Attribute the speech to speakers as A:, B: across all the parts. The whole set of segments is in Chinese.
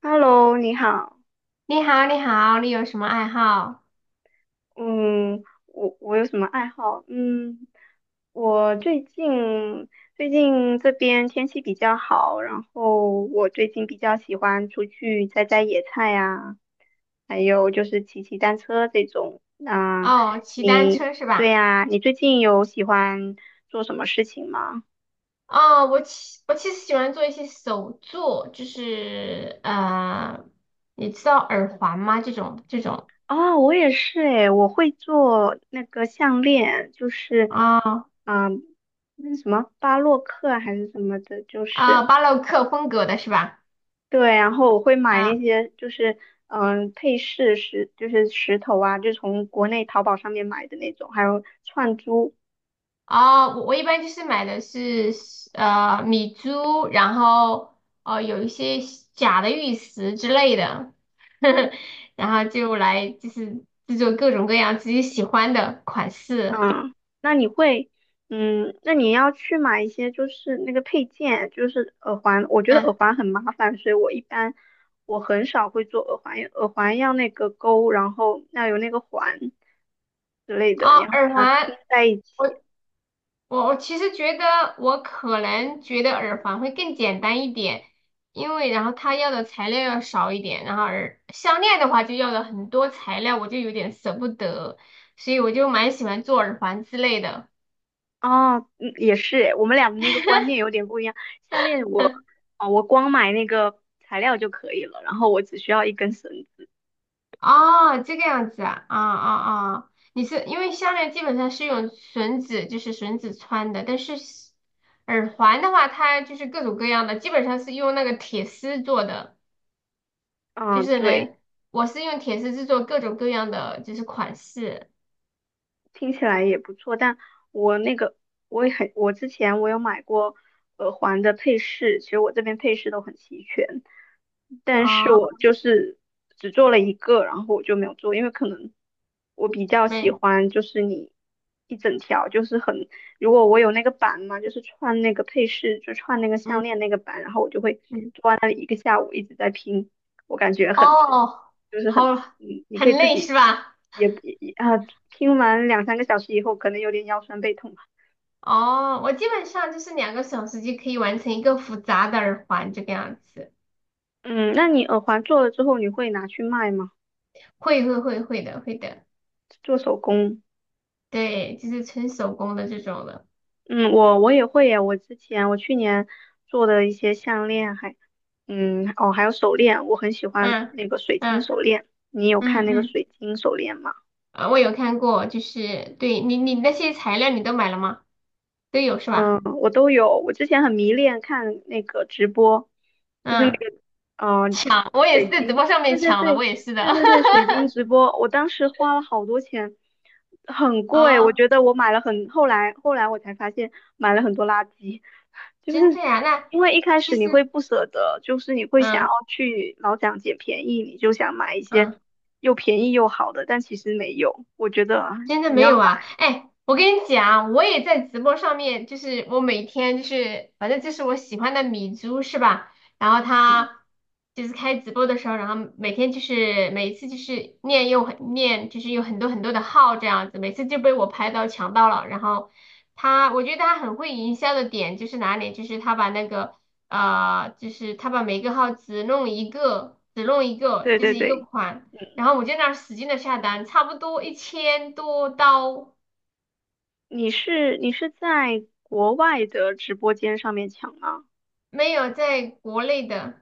A: Hello，你好。
B: 你好，你好，你有什么爱好？
A: 嗯，我有什么爱好？嗯，我最近这边天气比较好，然后我最近比较喜欢出去摘摘野菜呀，还有就是骑骑单车这种。
B: 哦，骑单车是
A: 对
B: 吧？
A: 呀，你最近有喜欢做什么事情吗？
B: 哦，我其实喜欢做一些手作，就是你知道耳环吗？这种
A: 哦，我也是诶，我会做那个项链，就是，
B: 啊
A: 嗯，那什么巴洛克啊还是什么的，就
B: 啊、
A: 是
B: 巴洛克风格的是吧？
A: 对，然后我会买那
B: 啊
A: 些就是配饰石，就是石头啊，就从国内淘宝上面买的那种，还有串珠，
B: 哦，我一般就是买的是米珠，然后有一些假的玉石之类的，然后就来就是制作各种各样自己喜欢的款式。
A: 嗯，那你会，那你要去买一些就是那个配件，就是耳环。我觉得耳
B: 啊
A: 环很麻烦，所以我一般我很少会做耳环，因为耳环要那个钩，然后要有那个环之类的，
B: 啊，
A: 你要把
B: 耳
A: 它
B: 环，
A: 拼在一起。
B: 我我其实觉得我可能觉得耳环会更简单一点，因为然后它要的材料要少一点，然后耳项链的话就要了很多材料，我就有点舍不得，所以我就蛮喜欢做耳环之类的。
A: 哦，也是诶我们俩的那个观念有点不一样。项链，我光买那个材料就可以了，然后我只需要一根绳子
B: 哦，这个样子啊，啊啊啊！你是因为项链基本上是用绳子，就是绳子穿的，但是耳环的话，它就是各种各样的，基本上是用那个铁丝做的。就
A: 嗯，
B: 是
A: 对。
B: 能，我是用铁丝制作各种各样的就是款式
A: 听起来也不错，但我那个我也很，我之前我有买过耳环的配饰，其实我这边配饰都很齐全，但是
B: 啊，
A: 我就是只做了一个，然后我就没有做，因为可能我比较喜
B: 没，
A: 欢就是你一整条，就是很，如果我有那个板嘛，就是串那个配饰，就串那个项
B: 嗯
A: 链那个板，然后我就会
B: 嗯，
A: 坐在那里一个下午一直在拼，我感觉很。
B: 哦，
A: 就是
B: 好，
A: 很，你可
B: 很
A: 以自
B: 累是
A: 己
B: 吧？
A: 也啊，听完两三个小时以后，可能有点腰酸背痛吧。
B: 哦，我基本上就是2个小时就可以完成一个复杂的耳环这个样子，
A: 嗯，那你耳环做了之后，你会拿去卖吗？
B: 会的，
A: 做手工？
B: 对，就是纯手工的这种的，
A: 嗯，我也会呀。我之前我去年做的一些项链哦，还有手链，我很喜欢
B: 嗯
A: 那个水晶
B: 嗯
A: 手链。你有看
B: 嗯
A: 那个
B: 嗯，
A: 水晶手链吗？
B: 啊，我有看过，就是对你那些材料你都买了吗？都有是吧？
A: 我都有。我之前很迷恋看那个直播，就是那个
B: 嗯，
A: 嗯、呃
B: 我也
A: 水
B: 是在直播
A: 晶，
B: 上面
A: 对对
B: 抢的，我
A: 对
B: 也是的。
A: 对 对对，水晶直播。我当时花了好多钱，很贵。我
B: 哦，
A: 觉得我买了很，后来我才发现买了很多垃圾，就
B: 真这
A: 是
B: 呀？那
A: 因为一开始
B: 其
A: 你会
B: 实，
A: 不舍得，就是你会想要
B: 嗯
A: 去老想捡便宜，你就想买一些
B: 嗯。
A: 又便宜又好的，但其实没有。我觉得啊
B: 真的
A: 你
B: 没
A: 要买，
B: 有啊？哎，我跟你讲，我也在直播上面，就是我每天就是，反正就是我喜欢的米珠是吧？然后他就是开直播的时候，然后每天就是每一次就是念又很念，就是有很多很多的号这样子，每次就被我拍到抢到了。然后他，我觉得他很会营销的点就是哪里？就是他把那个就是他把每个号只弄一个，只弄一个，
A: 对
B: 就
A: 对
B: 是一个
A: 对。
B: 款。然后我就那儿使劲的下单，差不多1000多刀，
A: 你是在国外的直播间上面抢吗？
B: 没有在国内的，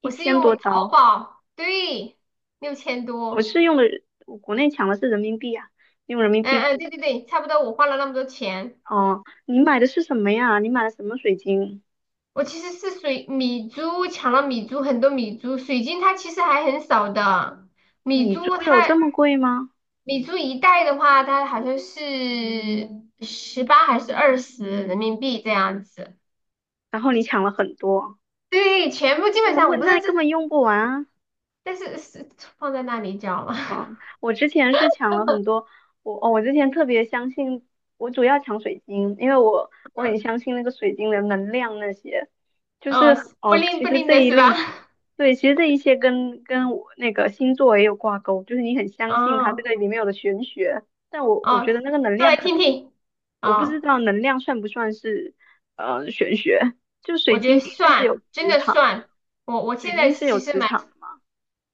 A: 一
B: 我是
A: 千多
B: 用淘
A: 刀，
B: 宝，对，六千
A: 我
B: 多，
A: 是用的我国内抢的是人民币啊，用人民
B: 嗯
A: 币
B: 嗯，
A: 付。
B: 对对对，差不多我花了那么多钱。
A: 哦，你买的是什么呀？你买的什么水晶？
B: 我其实是米珠抢了米珠很多米珠，水晶它其实还很少的，米
A: 米珠
B: 珠
A: 有这
B: 它
A: 么贵吗？
B: 米珠一袋的话，它好像是18还是20人民币这样子。
A: 然后你抢了很多，
B: 对，全部
A: 你
B: 基
A: 怎
B: 本
A: 么
B: 上
A: 会？
B: 我不知道
A: 那根
B: 这
A: 本用不完啊！
B: 但是是放在那里叫吗？
A: 嗯，我之前是抢了很多，我之前特别相信，我主要抢水晶，因为我很相信那个水晶的能量那些，就是
B: 哦，不
A: 哦，
B: 灵
A: 其
B: 不
A: 实
B: 灵
A: 这
B: 的
A: 一
B: 是吧？
A: 类型，对，其实这一些跟我那个星座也有挂钩，就是你很相信它这
B: 哦
A: 个里面有的玄学，但我觉得
B: 哦，
A: 那个能
B: 说
A: 量
B: 来
A: 可
B: 听
A: 能，
B: 听。
A: 我不知
B: 哦，
A: 道能量算不算是玄学，就水
B: 我觉
A: 晶
B: 得
A: 的确是
B: 算，
A: 有
B: 真
A: 磁
B: 的
A: 场，
B: 算。我我
A: 水
B: 现在
A: 晶是有
B: 其实
A: 磁
B: 蛮
A: 场。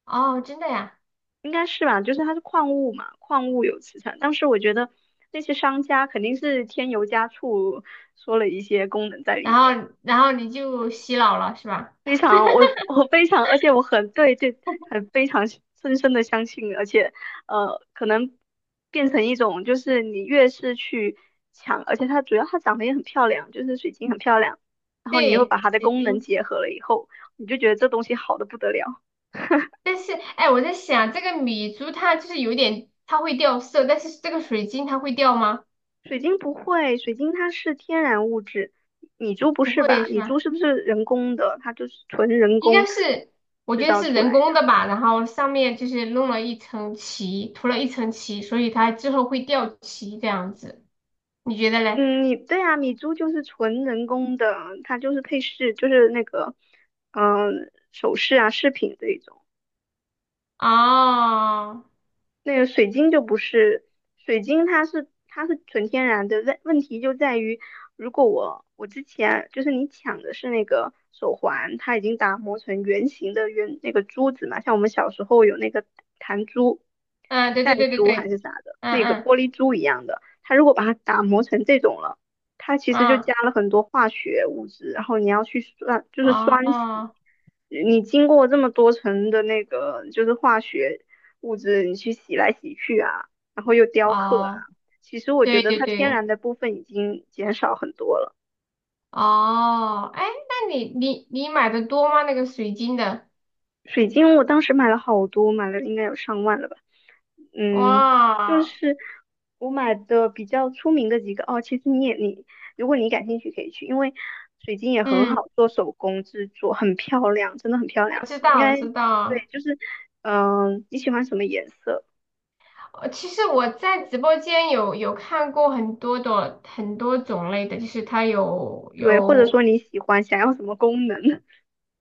B: 哦，真的呀。
A: 应该是吧，就是它是矿物嘛，矿物有磁场。当时我觉得那些商家肯定是添油加醋，说了一些功能在里
B: 然
A: 面。
B: 后然后你就洗脑了是吧？
A: 非常，我非常，而且我很对这很非常深深的相信，而且可能变成一种就是你越是去抢，而且它主要它长得也很漂亮，就是水晶很漂亮，然后你又
B: 对，
A: 把它的
B: 水
A: 功能
B: 晶。
A: 结合了以后，你就觉得这东西好的不得了。
B: 但是哎，我在想这个米珠它就是有点它会掉色，但是这个水晶它会掉吗？
A: 水晶不会，水晶它是天然物质，米珠不
B: 不
A: 是
B: 会
A: 吧？
B: 是
A: 米珠
B: 吧？
A: 是不是人工的？它就是纯人
B: 应
A: 工
B: 该是，我
A: 制
B: 觉得
A: 造
B: 是
A: 出
B: 人
A: 来
B: 工
A: 的。
B: 的吧，然后上面就是弄了一层漆，涂了一层漆，所以它之后会掉漆这样子，你觉得嘞？
A: 嗯，你对啊，米珠就是纯人工的，它就是配饰，就是那个首饰啊饰品这一种。
B: 哦，
A: 那个水晶就不是，水晶它是纯天然的，问题就在于，如果我之前就是你抢的是那个手环，它已经打磨成圆形的圆那个珠子嘛，像我们小时候有那个弹珠、
B: 嗯，对
A: 弹
B: 对对对
A: 珠还
B: 对，
A: 是啥的，
B: 嗯
A: 那个
B: 嗯
A: 玻璃珠一样的，它如果把它打磨成这种了，它其实就
B: 嗯，
A: 加了很多化学物质，然后你要去酸，就是酸洗。
B: 哦
A: 你经过这么多层的那个就是化学物质，你去洗来洗去啊，然后又雕刻啊，
B: 哦，
A: 其实我觉
B: 对
A: 得
B: 对
A: 它天
B: 对，
A: 然的部分已经减少很多了。
B: 哦，哎，那你买的多吗？那个水晶的，
A: 水晶我当时买了好多，买了应该有上万了吧。嗯，就
B: 哇，
A: 是我买的比较出名的几个哦，其实你也你，如果你感兴趣可以去，因为水晶也很
B: 嗯，
A: 好做手工制作，很漂亮，真的很漂亮。
B: 我知
A: 应
B: 道我
A: 该
B: 知
A: 对，
B: 道，
A: 就是你喜欢什么颜色？
B: 其实我在直播间有看过很多的很多种类的，就是它有
A: 对，或者
B: 有，
A: 说你喜欢想要什么功能？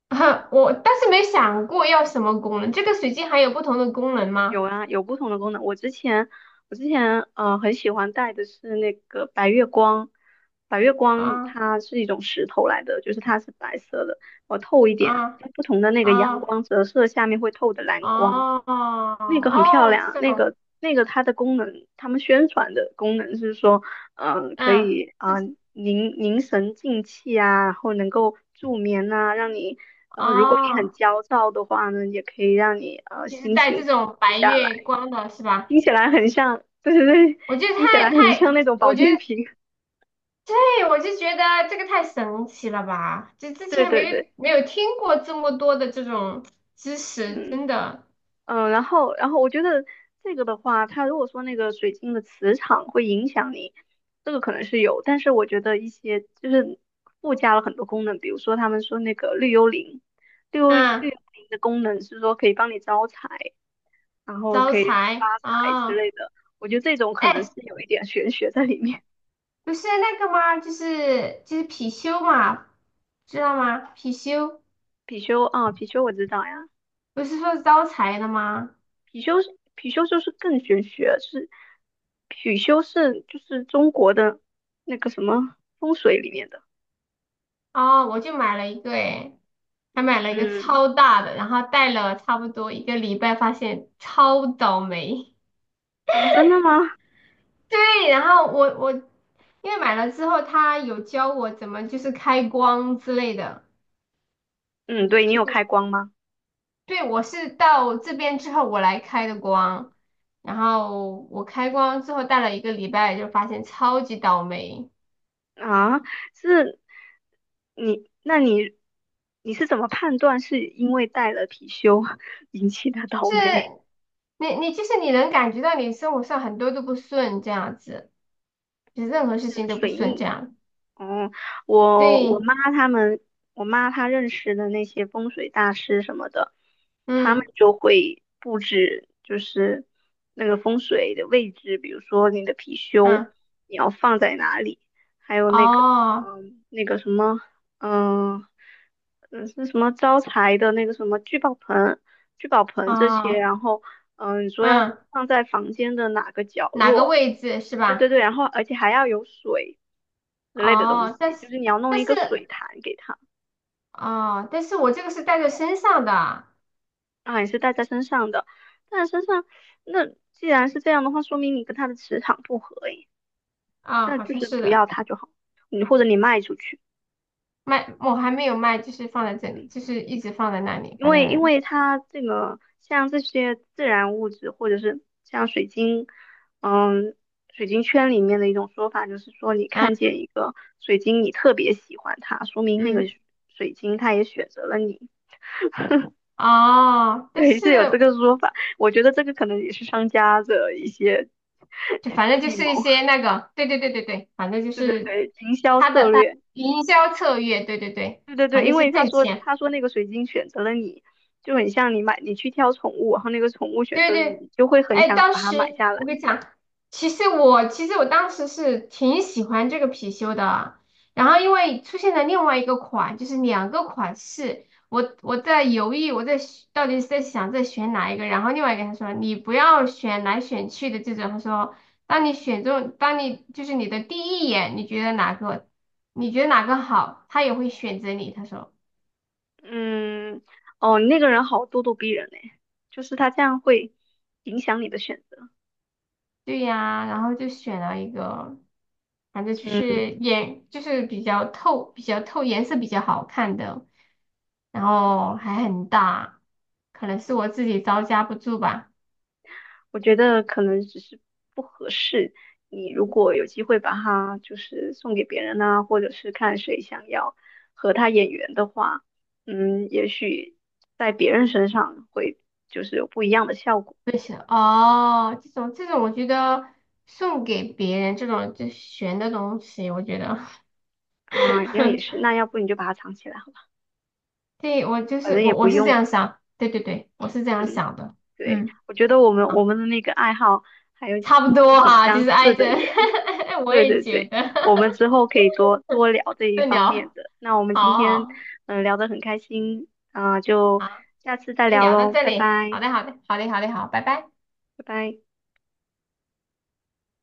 B: 我但是没想过要什么功能。这个水晶还有不同的功能
A: 有
B: 吗？
A: 啊，有不同的功能。我之前很喜欢戴的是那个白月光，白月光
B: 啊
A: 它是一种石头来的，就是它是白色的，我透一点，
B: 啊
A: 就不同的那个阳
B: 啊
A: 光折射下面会透的蓝光，
B: 哦
A: 那个很漂
B: 哦，这
A: 亮。那
B: 种
A: 个那个它的功能，他们宣传的功能是说，可
B: 嗯，
A: 以
B: 这
A: 啊、凝神静气啊，然后能够助眠呐、让你如果你很
B: 哦，
A: 焦躁的话呢，也可以让你
B: 就是
A: 心
B: 带这
A: 情。
B: 种
A: 不
B: 白
A: 下
B: 月
A: 来，
B: 光的是吧？
A: 听起来很像，对对对，
B: 我觉得，
A: 听起来很像那种保
B: 我觉
A: 健
B: 得
A: 品。
B: 对，我就觉得这个太神奇了吧！就之
A: 对
B: 前没
A: 对
B: 有
A: 对，
B: 没有听过这么多的这种知识，
A: 嗯
B: 真的。
A: 嗯，然后我觉得这个的话，它如果说那个水晶的磁场会影响你，这个可能是有，但是我觉得一些就是附加了很多功能，比如说他们说那个绿幽灵，绿幽绿
B: 嗯，
A: 幽灵的功能是说可以帮你招财，然后
B: 招
A: 可以让你发
B: 财
A: 财之
B: 啊，
A: 类的，我觉得这种可能
B: 哎，
A: 是有一点玄学在里面。
B: 不是那个吗？就是貔貅嘛，知道吗？貔貅
A: 貔貅啊，貔貅我知道呀。
B: 不是说招财的吗？
A: 貔貅是貔貅就是更玄学，是貔貅是就是中国的那个什么风水里面的。
B: 哦，我就买了一个，哎，还买了一个
A: 嗯
B: 超大的，然后戴了差不多一个礼拜，发现超倒霉。
A: 啊，真的吗？
B: 对，然后我因为买了之后，他有教我怎么就是开光之类的。
A: 嗯，对你有开光吗？
B: 对，我是到这边之后我来开的光，然后我开光之后戴了一个礼拜，就发现超级倒霉，
A: 啊，是你，那你你是怎么判断是因为带了貔貅 引起的
B: 就
A: 倒霉
B: 是你就是你能感觉到你生活上很多都不顺这样子，就是任何事情 都不
A: 水
B: 顺这
A: 逆？
B: 样。
A: 哦，我我
B: 对，
A: 妈他们，我妈她认识的那些风水大师什么的，他们
B: 嗯
A: 就会布置，就是那个风水的位置，比如说你的貔貅
B: 嗯，
A: 你要放在哪里，还有那个，
B: 哦
A: 那个什么，嗯，是什么招财的那个什么聚宝盆这些，
B: 哦
A: 然后，你说要
B: 嗯，
A: 放在房间的哪个角
B: 哪个
A: 落？
B: 位置是
A: 对对
B: 吧？
A: 对，然后而且还要有水。之类的东
B: 哦，但
A: 西，就
B: 是
A: 是你要弄
B: 但
A: 一
B: 是。
A: 个水潭给它，
B: 哦，但是我这个是带在身上的啊，
A: 啊，也是带在身上的，带在身上，那既然是这样的话，说明你跟它的磁场不合诶，
B: 啊
A: 那
B: 好
A: 就
B: 像
A: 是
B: 是
A: 不
B: 的，
A: 要它就好，或者你卖出去，
B: 卖我还没有卖，就是放在这里，
A: 嗯，
B: 就是一直放在那里，
A: 因
B: 反
A: 为因
B: 正，
A: 为它这个像这些自然物质或者是像水晶，嗯，水晶圈里面的一种说法就是说，你
B: 嗯
A: 看见一个水晶，你特别喜欢它，说明那个
B: 嗯，
A: 水晶它也选择了你。
B: 哦，但
A: 对，
B: 是
A: 是有这个说法。我觉得这个可能也是商家的一些
B: 就 反正就
A: 计
B: 是
A: 谋，
B: 一些那个，对对对对对，反正就
A: 对对
B: 是
A: 对，营销策略，
B: 营销策略，对对对，
A: 对对对。
B: 反正
A: 因
B: 是
A: 为他
B: 挣
A: 说
B: 钱。
A: 他说那个水晶选择了你，就很像你去挑宠物，然后那个宠物选
B: 对
A: 择了你，
B: 对，
A: 你就会很
B: 哎，
A: 想
B: 当
A: 把它买
B: 时
A: 下来。
B: 我跟你讲，其实我当时是挺喜欢这个貔貅的，然后因为出现了另外一个款，就是两个款式，我在犹豫，我在选到底是在想在选哪一个，然后另外一个他说你不要选来选去的这种，他说当你选中，当你就是你的第一眼，你觉得哪个，你觉得哪个好，他也会选择你，他说。
A: 嗯，哦，那个人好咄咄逼人嘞，就是他这样会影响你的选择。
B: 对呀，然后就选了一个，反正就
A: 嗯，
B: 是颜，就是比较透，比较透，颜色比较好看的，然后还很大，可能是我自己招架不住吧。
A: 我觉得可能只是不合适。你如果有机会把它就是送给别人呐，或者是看谁想要和他眼缘的话，也许在别人身上会就是有不一样的效果
B: 是哦，这种，我觉得送给别人这种就悬的东西，我觉得，
A: 啊。这样也是，那要不你就把它藏起来好吧，
B: 对，我就
A: 反
B: 是
A: 正也
B: 我
A: 不
B: 我是这
A: 用。
B: 样想，对对对，我是这样
A: 嗯，
B: 想的，
A: 对，
B: 嗯
A: 我觉得我们
B: 啊，
A: 我们的那个爱好还有
B: 差不
A: 就是
B: 多
A: 挺
B: 哈、就
A: 相
B: 是挨
A: 似
B: 着，
A: 的耶。
B: 我
A: 对
B: 也
A: 对
B: 觉
A: 对，
B: 得，
A: 我们之后可以多多聊这 一
B: 对
A: 方面
B: 聊，
A: 的。那我们今
B: 好
A: 天
B: 好。
A: 聊得很开心啊、就
B: 好，
A: 下次再
B: 先
A: 聊
B: 聊到
A: 喽，
B: 这
A: 拜
B: 里。好
A: 拜，
B: 的，好的，好的，好的，好，拜拜。
A: 拜拜。